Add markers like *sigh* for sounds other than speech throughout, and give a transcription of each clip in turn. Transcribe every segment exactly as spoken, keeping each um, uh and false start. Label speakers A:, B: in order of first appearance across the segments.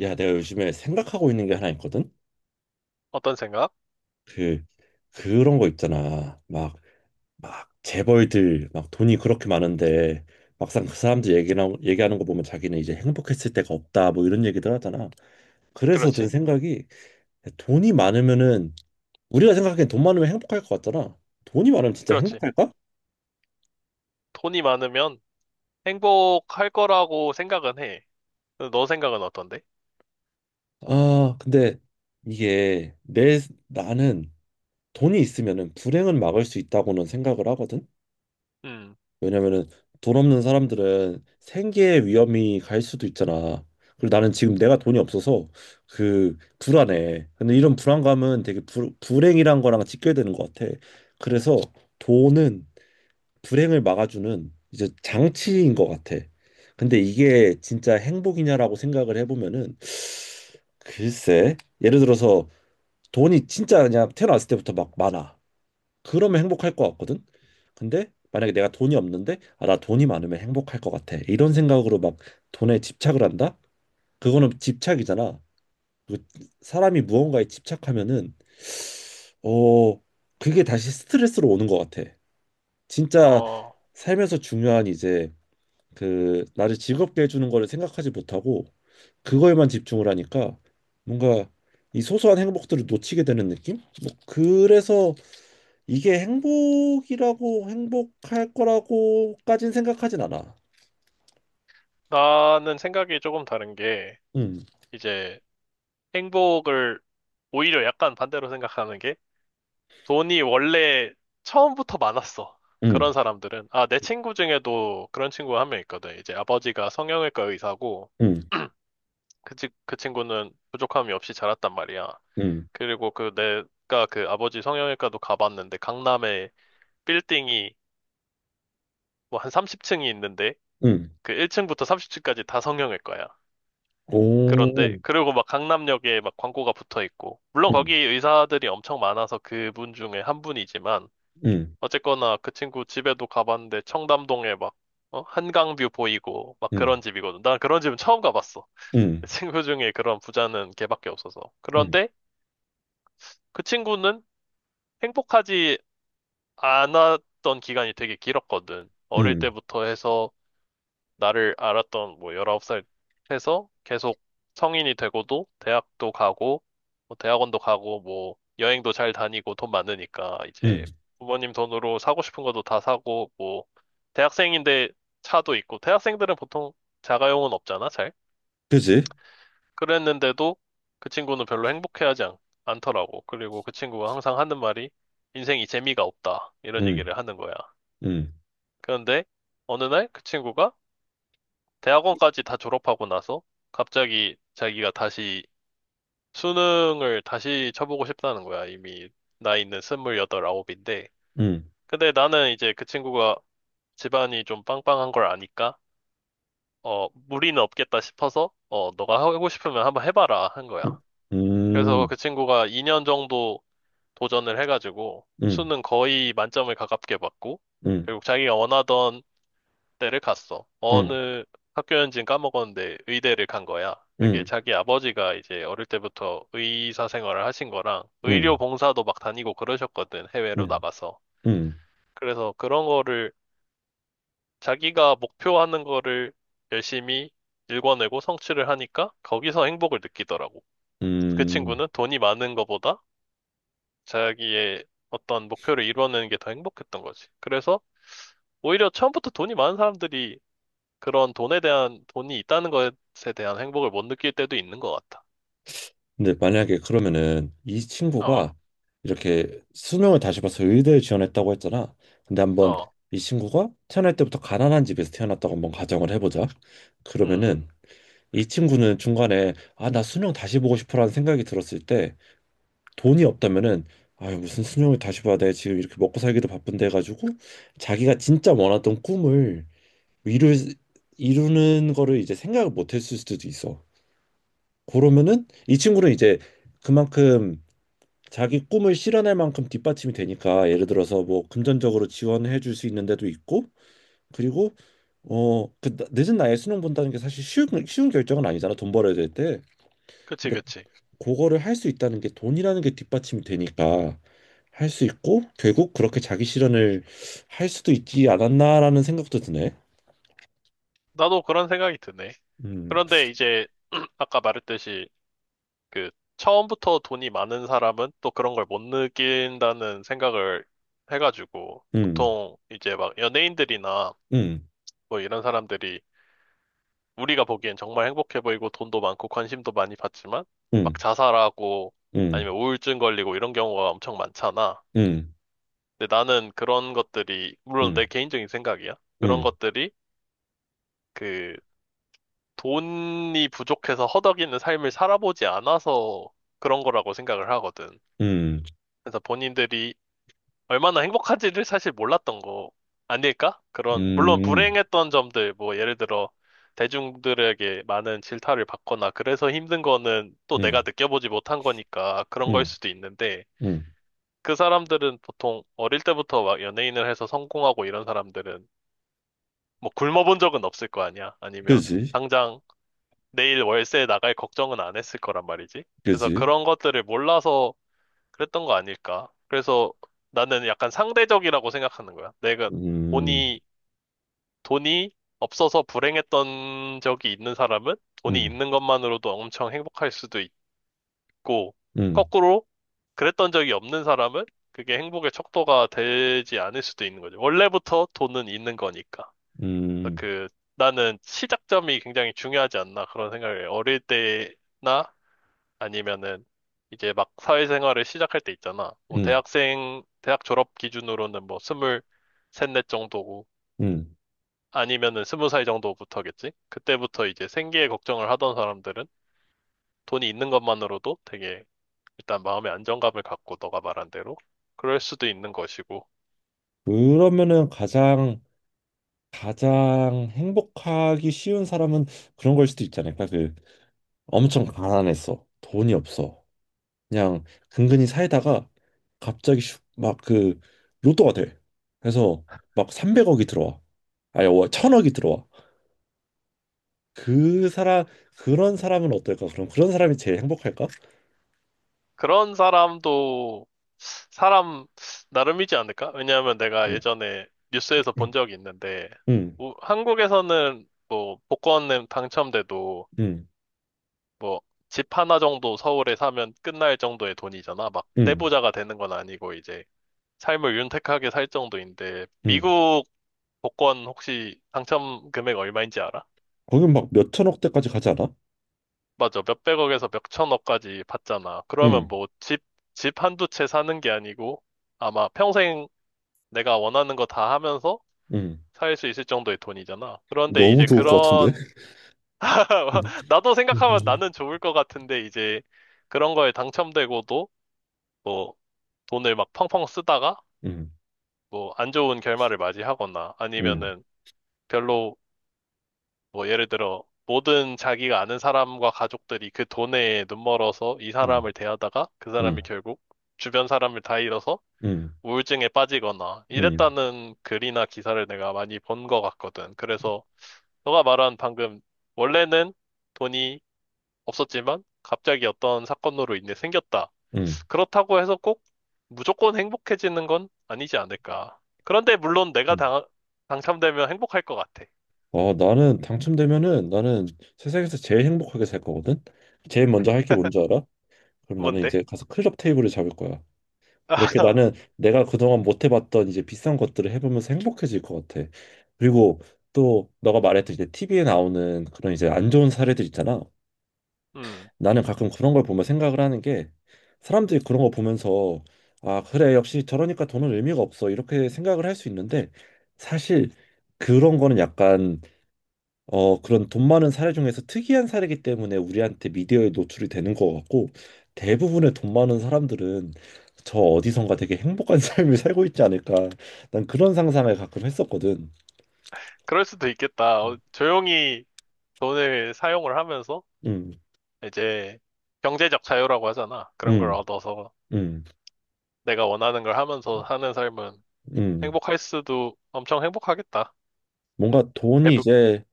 A: 야, 내가 요즘에 생각하고 있는 게 하나 있거든.
B: 어떤 생각?
A: 그 그런 거 있잖아. 막 막 재벌들 막 돈이 그렇게 많은데 막상 그 사람들 얘기나 얘기하는 거 보면 자기는 이제 행복했을 때가 없다 뭐 이런 얘기들 하잖아. 그래서 든
B: 그렇지.
A: 생각이 돈이 많으면은 우리가 생각하기엔 돈 많으면 행복할 것 같잖아. 돈이 많으면 진짜
B: 그렇지.
A: 행복할까?
B: 돈이 많으면 행복할 거라고 생각은 해. 너 생각은 어떤데?
A: 아, 근데 이게 내 나는 돈이 있으면은 불행은 막을 수 있다고는 생각을 하거든.
B: 음.
A: 왜냐면은 돈 없는 사람들은 생계의 위험이 갈 수도 있잖아. 그리고 나는 지금 내가 돈이 없어서 그 불안해. 근데 이런 불안감은 되게 불, 불행이란 거랑 직결되는 것 같아. 그래서 돈은 불행을 막아주는 이제 장치인 것 같아. 근데 이게 진짜 행복이냐라고 생각을 해보면은 글쎄, 예를 들어서 돈이 진짜 그냥 태어났을 때부터 막 많아. 그러면 행복할 것 같거든. 근데 만약에 내가 돈이 없는데 아, 나 돈이 많으면 행복할 것 같아. 이런 생각으로 막 돈에 집착을 한다? 그거는 집착이잖아. 그 사람이 무언가에 집착하면은 어 그게 다시 스트레스로 오는 것 같아. 진짜
B: 어,
A: 살면서 중요한 이제 그 나를 즐겁게 해주는 거를 생각하지 못하고 그거에만 집중을 하니까 뭔가 이 소소한 행복들을 놓치게 되는 느낌? 뭐 그래서 이게 행복이라고 행복할 거라고까진 생각하진 않아.
B: 나는 생각이 조금 다른 게,
A: 음,
B: 이제 행복을 오히려 약간 반대로 생각하는 게, 돈이 원래 처음부터 많았어.
A: 음,
B: 그런 사람들은. 아, 내 친구 중에도 그런 친구가 한 명 있거든. 이제 아버지가 성형외과 의사고,
A: 음,
B: 그, 친- 그 친구는 부족함이 없이 자랐단 말이야.
A: 음,
B: 그리고 그 내가 그 아버지 성형외과도 가봤는데 강남에 빌딩이 뭐 한 삼십 층이 있는데
A: 음.
B: 그 일 층부터 삼십 층까지 다 성형외과야. 그런데
A: 오,
B: 그리고 막 강남역에 막 광고가 붙어 있고 물론 거기
A: 음,
B: 의사들이 엄청 많아서 그분 중에 한 분이지만
A: 음,
B: 어쨌거나 그 친구 집에도 가봤는데 청담동에 막 어? 한강뷰 보이고 막
A: 음,
B: 그런 집이거든. 난 그런 집은 처음 가봤어.
A: 음, 음,
B: *laughs* 친구 중에 그런 부자는 걔밖에 없어서.
A: 음,
B: 그런데 그 친구는 행복하지 안 왔던 기간이 되게 길었거든. 어릴
A: 음.
B: 때부터 해서 나를 알았던 뭐 열아홉 살 해서 계속 성인이 되고도 대학도 가고 뭐 대학원도 가고 뭐 여행도 잘 다니고 돈 많으니까
A: 음.
B: 이제 부모님 돈으로 사고 싶은 것도 다 사고 뭐 대학생인데 차도 있고 대학생들은 보통 자가용은 없잖아, 잘.
A: 그지?
B: 그랬는데도 그 친구는 별로 행복해하지 않, 않더라고. 그리고 그 친구가 항상 하는 말이 인생이 재미가 없다. 이런
A: 음,
B: 얘기를 하는 거야.
A: 음,
B: 그런데 어느 날 그 친구가 대학원까지 다 졸업하고 나서 갑자기 자기가 다시 수능을 다시 쳐보고 싶다는 거야. 이미 나이는 스물여덟, 아홉인데.
A: 음,
B: 근데 나는 이제 그 친구가 집안이 좀 빵빵한 걸 아니까 어 무리는 없겠다 싶어서 어 너가 하고 싶으면 한번 해봐라 한 거야.
A: 음,
B: 그래서
A: 음,
B: 그 친구가 이 년 정도 도전을 해가지고
A: 음,
B: 수능 거의 만점을 가깝게 받고
A: 음,
B: 결국 자기가 원하던 대를 갔어.
A: 음,
B: 어느 학교였는지는 까먹었는데 의대를 간 거야. 그게
A: 음,
B: 자기 아버지가 이제 어릴 때부터 의사 생활을 하신 거랑
A: 음,
B: 의료
A: 음,
B: 봉사도 막 다니고 그러셨거든, 해외로
A: 음,
B: 나가서.
A: 음.
B: 그래서 그런 거를 자기가 목표하는 거를 열심히 일궈내고 성취를 하니까 거기서 행복을 느끼더라고. 그
A: 음.
B: 친구는 돈이 많은 거보다 자기의 어떤 목표를 이뤄내는 게 더 행복했던 거지. 그래서 오히려 처음부터 돈이 많은 사람들이 그런 돈에 대한, 돈이 있다는 것에 대한 행복을 못 느낄 때도 있는 것 같아.
A: 근데 만약에 그러면은 이 친구가
B: 어,
A: 이렇게 수능을 다시 봐서 의대에 지원했다고 했잖아. 근데 한번
B: 어,
A: 이 친구가 태어날 때부터 가난한 집에서 태어났다고 한번 가정을 해보자.
B: 음,
A: 그러면은 이 친구는 중간에 아, 나 수능 다시 보고 싶어라는 생각이 들었을 때 돈이 없다면은 아 무슨 수능을 다시 봐야 돼. 지금 이렇게 먹고 살기도 바쁜데 해가지고 자기가 진짜 원했던 꿈을 이루, 이루는 거를 이제 생각을 못 했을 수도 있어. 그러면은 이 친구는 이제 그만큼 자기 꿈을 실현할 만큼 뒷받침이 되니까 예를 들어서 뭐 금전적으로 지원해 줄 수 있는 데도 있고 그리고 어 그 늦은 나이에 수능 본다는 게 사실 쉬운 쉬운 결정은 아니잖아 돈 벌어야 될 때
B: 그치,
A: 근데
B: 그치.
A: 그거를 할 수 있다는 게 돈이라는 게 뒷받침이 되니까 할 수 있고 결국 그렇게 자기 실현을 할 수도 있지 않았나라는 생각도 드네.
B: 나도 그런 생각이 드네.
A: 음
B: 그런데 이제, *clears throat* 아까 말했듯이, 그, 처음부터 돈이 많은 사람은 또 그런 걸 못 느낀다는 생각을 해가지고,
A: 음
B: 보통 이제 막 연예인들이나
A: 음
B: 뭐 이런 사람들이 우리가 보기엔 정말 행복해 보이고 돈도 많고 관심도 많이 받지만,
A: 음
B: 막 자살하고 아니면
A: 음
B: 우울증 걸리고 이런 경우가 엄청 많잖아.
A: 음
B: 근데 나는 그런 것들이,
A: 음
B: 물론 내
A: 음
B: 개인적인 생각이야. 그런
A: 음
B: 것들이 그 돈이 부족해서 허덕이는 삶을 살아보지 않아서 그런 거라고 생각을 하거든.
A: 음
B: 그래서 본인들이 얼마나 행복한지를 사실 몰랐던 거 아닐까? 그런, 물론
A: 음
B: 불행했던 점들, 뭐 예를 들어 대중들에게 많은 질타를 받거나 그래서 힘든 거는 또
A: 음
B: 내가 느껴보지 못한 거니까 그런 걸
A: 음
B: 수도 있는데
A: 음
B: 그 사람들은 보통 어릴 때부터 막 연예인을 해서 성공하고 이런 사람들은 뭐 굶어본 적은 없을 거 아니야. 아니면
A: 그지
B: 당장 내일 월세 나갈 걱정은 안 했을 거란 말이지. 그래서
A: 그지
B: 그런 것들을 몰라서 그랬던 거 아닐까. 그래서 나는 약간 상대적이라고 생각하는 거야. 내가
A: 음,
B: 돈이, 돈이 없어서 불행했던 적이 있는 사람은 돈이
A: 음,
B: 있는 것만으로도 엄청 행복할 수도 있고,
A: 음,
B: 거꾸로 그랬던 적이 없는 사람은 그게 행복의 척도가 되지 않을 수도 있는 거죠. 원래부터 돈은 있는 거니까. 그래서
A: 음,
B: 그 나는 시작점이 굉장히 중요하지 않나 그런 생각을 해. 어릴 때나 아니면은 이제 막 사회생활을 시작할 때 있잖아. 뭐
A: 음,
B: 대학생 대학 졸업 기준으로는 뭐 스물 셋넷 정도고
A: 음.
B: 아니면은 스무 살 정도부터겠지. 그때부터 이제 생계에 걱정을 하던 사람들은 돈이 있는 것만으로도 되게 일단 마음의 안정감을 갖고 너가 말한 대로 그럴 수도 있는 것이고
A: 그러면은 가장 가장 행복하기 쉬운 사람은 그런 걸 수도 있지 않을까? 그 엄청 가난했어, 돈이 없어, 그냥 근근히 살다가 갑자기 막 그 로또가 돼. 그래서 막 삼백억이 들어와, 아니 천억이 들어와. 그 사람 그런 사람은 어떨까? 그럼 그런 사람이 제일 행복할까?
B: 그런 사람도 사람 나름이지 않을까? 왜냐하면 내가
A: 음,
B: 예전에 뉴스에서 본 적이 있는데
A: 음,
B: 우- 한국에서는 뭐 복권 당첨돼도
A: 음,
B: 뭐 집 하나 정도 서울에 사면 끝날 정도의 돈이잖아. 막
A: 음,
B: 떼부자가 되는 건 아니고 이제 삶을 윤택하게 살 정도인데
A: 음.
B: 미국 복권 혹시 당첨 금액 얼마인지 알아?
A: 거긴 막 몇천억 대까지 가지 않아?
B: 맞아. 몇백억에서 몇천억까지 받잖아. 그러면
A: 응,
B: 뭐 집, 집 한두 채 사는 게 아니고 아마 평생 내가 원하는 거 다 하면서
A: 응.
B: 살 수 있을 정도의 돈이잖아. 그런데
A: 너무
B: 이제
A: 좋을 것 같은데?
B: 그런,
A: 음.
B: *laughs* 나도 생각하면
A: 응,
B: 나는 좋을 것 같은데 이제 그런 거에 당첨되고도 뭐 돈을 막 펑펑 쓰다가
A: 응,
B: 뭐 안 좋은 결말을 맞이하거나
A: 응,
B: 아니면은 별로 뭐 예를 들어 모든 자기가 아는 사람과 가족들이 그 돈에 눈멀어서 이
A: 응,
B: 사람을 대하다가 그 사람이
A: 응,
B: 결국 주변 사람을 다 잃어서
A: 응,
B: 우울증에 빠지거나
A: 응.
B: 이랬다는 글이나 기사를 내가 많이 본 것 같거든. 그래서 너가 말한 방금 원래는 돈이 없었지만 갑자기 어떤 사건으로 인해 생겼다.
A: 응.
B: 그렇다고 해서 꼭 무조건 행복해지는 건 아니지 않을까. 그런데 물론 내가
A: 응.
B: 당, 당첨되면 행복할 것 같아.
A: 아, 나는 당첨되면은 나는 세상에서 제일 행복하게 살 거거든. 제일 먼저 할 게 뭔지 알아? 그럼 나는
B: 뭔데?
A: 이제 가서 클럽 테이블을 잡을 거야. 이렇게
B: *laughs*
A: 나는 내가 그동안 못 해봤던 이제 비싼 것들을 해보면서 행복해질 것 같아. 그리고 또 너가 말했듯이 제 티비에 나오는 그런 이제 안 좋은 사례들 있잖아.
B: 음,
A: 나는 가끔 그런 걸 보면 생각을 하는 게 사람들이 그런 거 보면서 아 그래 역시 저러니까 돈은 의미가 없어 이렇게 생각을 할 수 있는데 사실 그런 거는 약간 어 그런 돈 많은 사례 중에서 특이한 사례이기 때문에 우리한테 미디어에 노출이 되는 거 같고 대부분의 돈 많은 사람들은 저 어디선가 되게 행복한 *laughs* 삶을 살고 있지 않을까 난 그런 상상을 가끔 했었거든.
B: 그럴 수도 있겠다. 어,
A: 음,
B: 조용히 돈을 사용을 하면서
A: 음,
B: 이제 경제적 자유라고 하잖아. 그런 걸
A: 음,
B: 얻어서
A: 음.
B: 내가 원하는 걸 하면서 사는 삶은
A: 음.
B: 행복할 수도 엄청 행복하겠다.
A: 뭔가 돈이
B: 에브.
A: 이제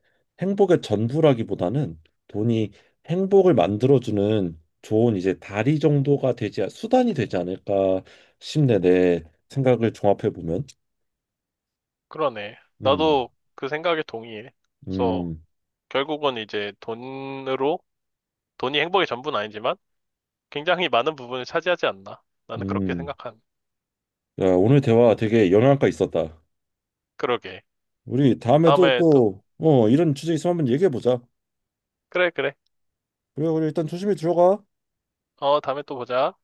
A: 행복의 전부라기보다는 돈이 행복을 만들어주는 좋은 이제 다리 정도가 되지, 수단이 되지 않을까 싶네, 내 생각을 종합해 보면.
B: 그러네.
A: 음,
B: 나도 그 생각에 동의해. 그래서
A: 음,
B: 결국은 이제 돈으로, 돈이 행복의 전부는 아니지만 굉장히 많은 부분을 차지하지 않나. 나는 그렇게
A: 음.
B: 생각한.
A: 야, 오늘 대화 되게 영향가 있었다.
B: 그러게.
A: 우리 다음에도
B: 다음에 또,
A: 또, 어, 이런 주제 있으면 한번 얘기해 보자.
B: 그래, 그래.
A: 그래, 그래, 일단 조심히 들어가.
B: 어, 다음에 또 보자.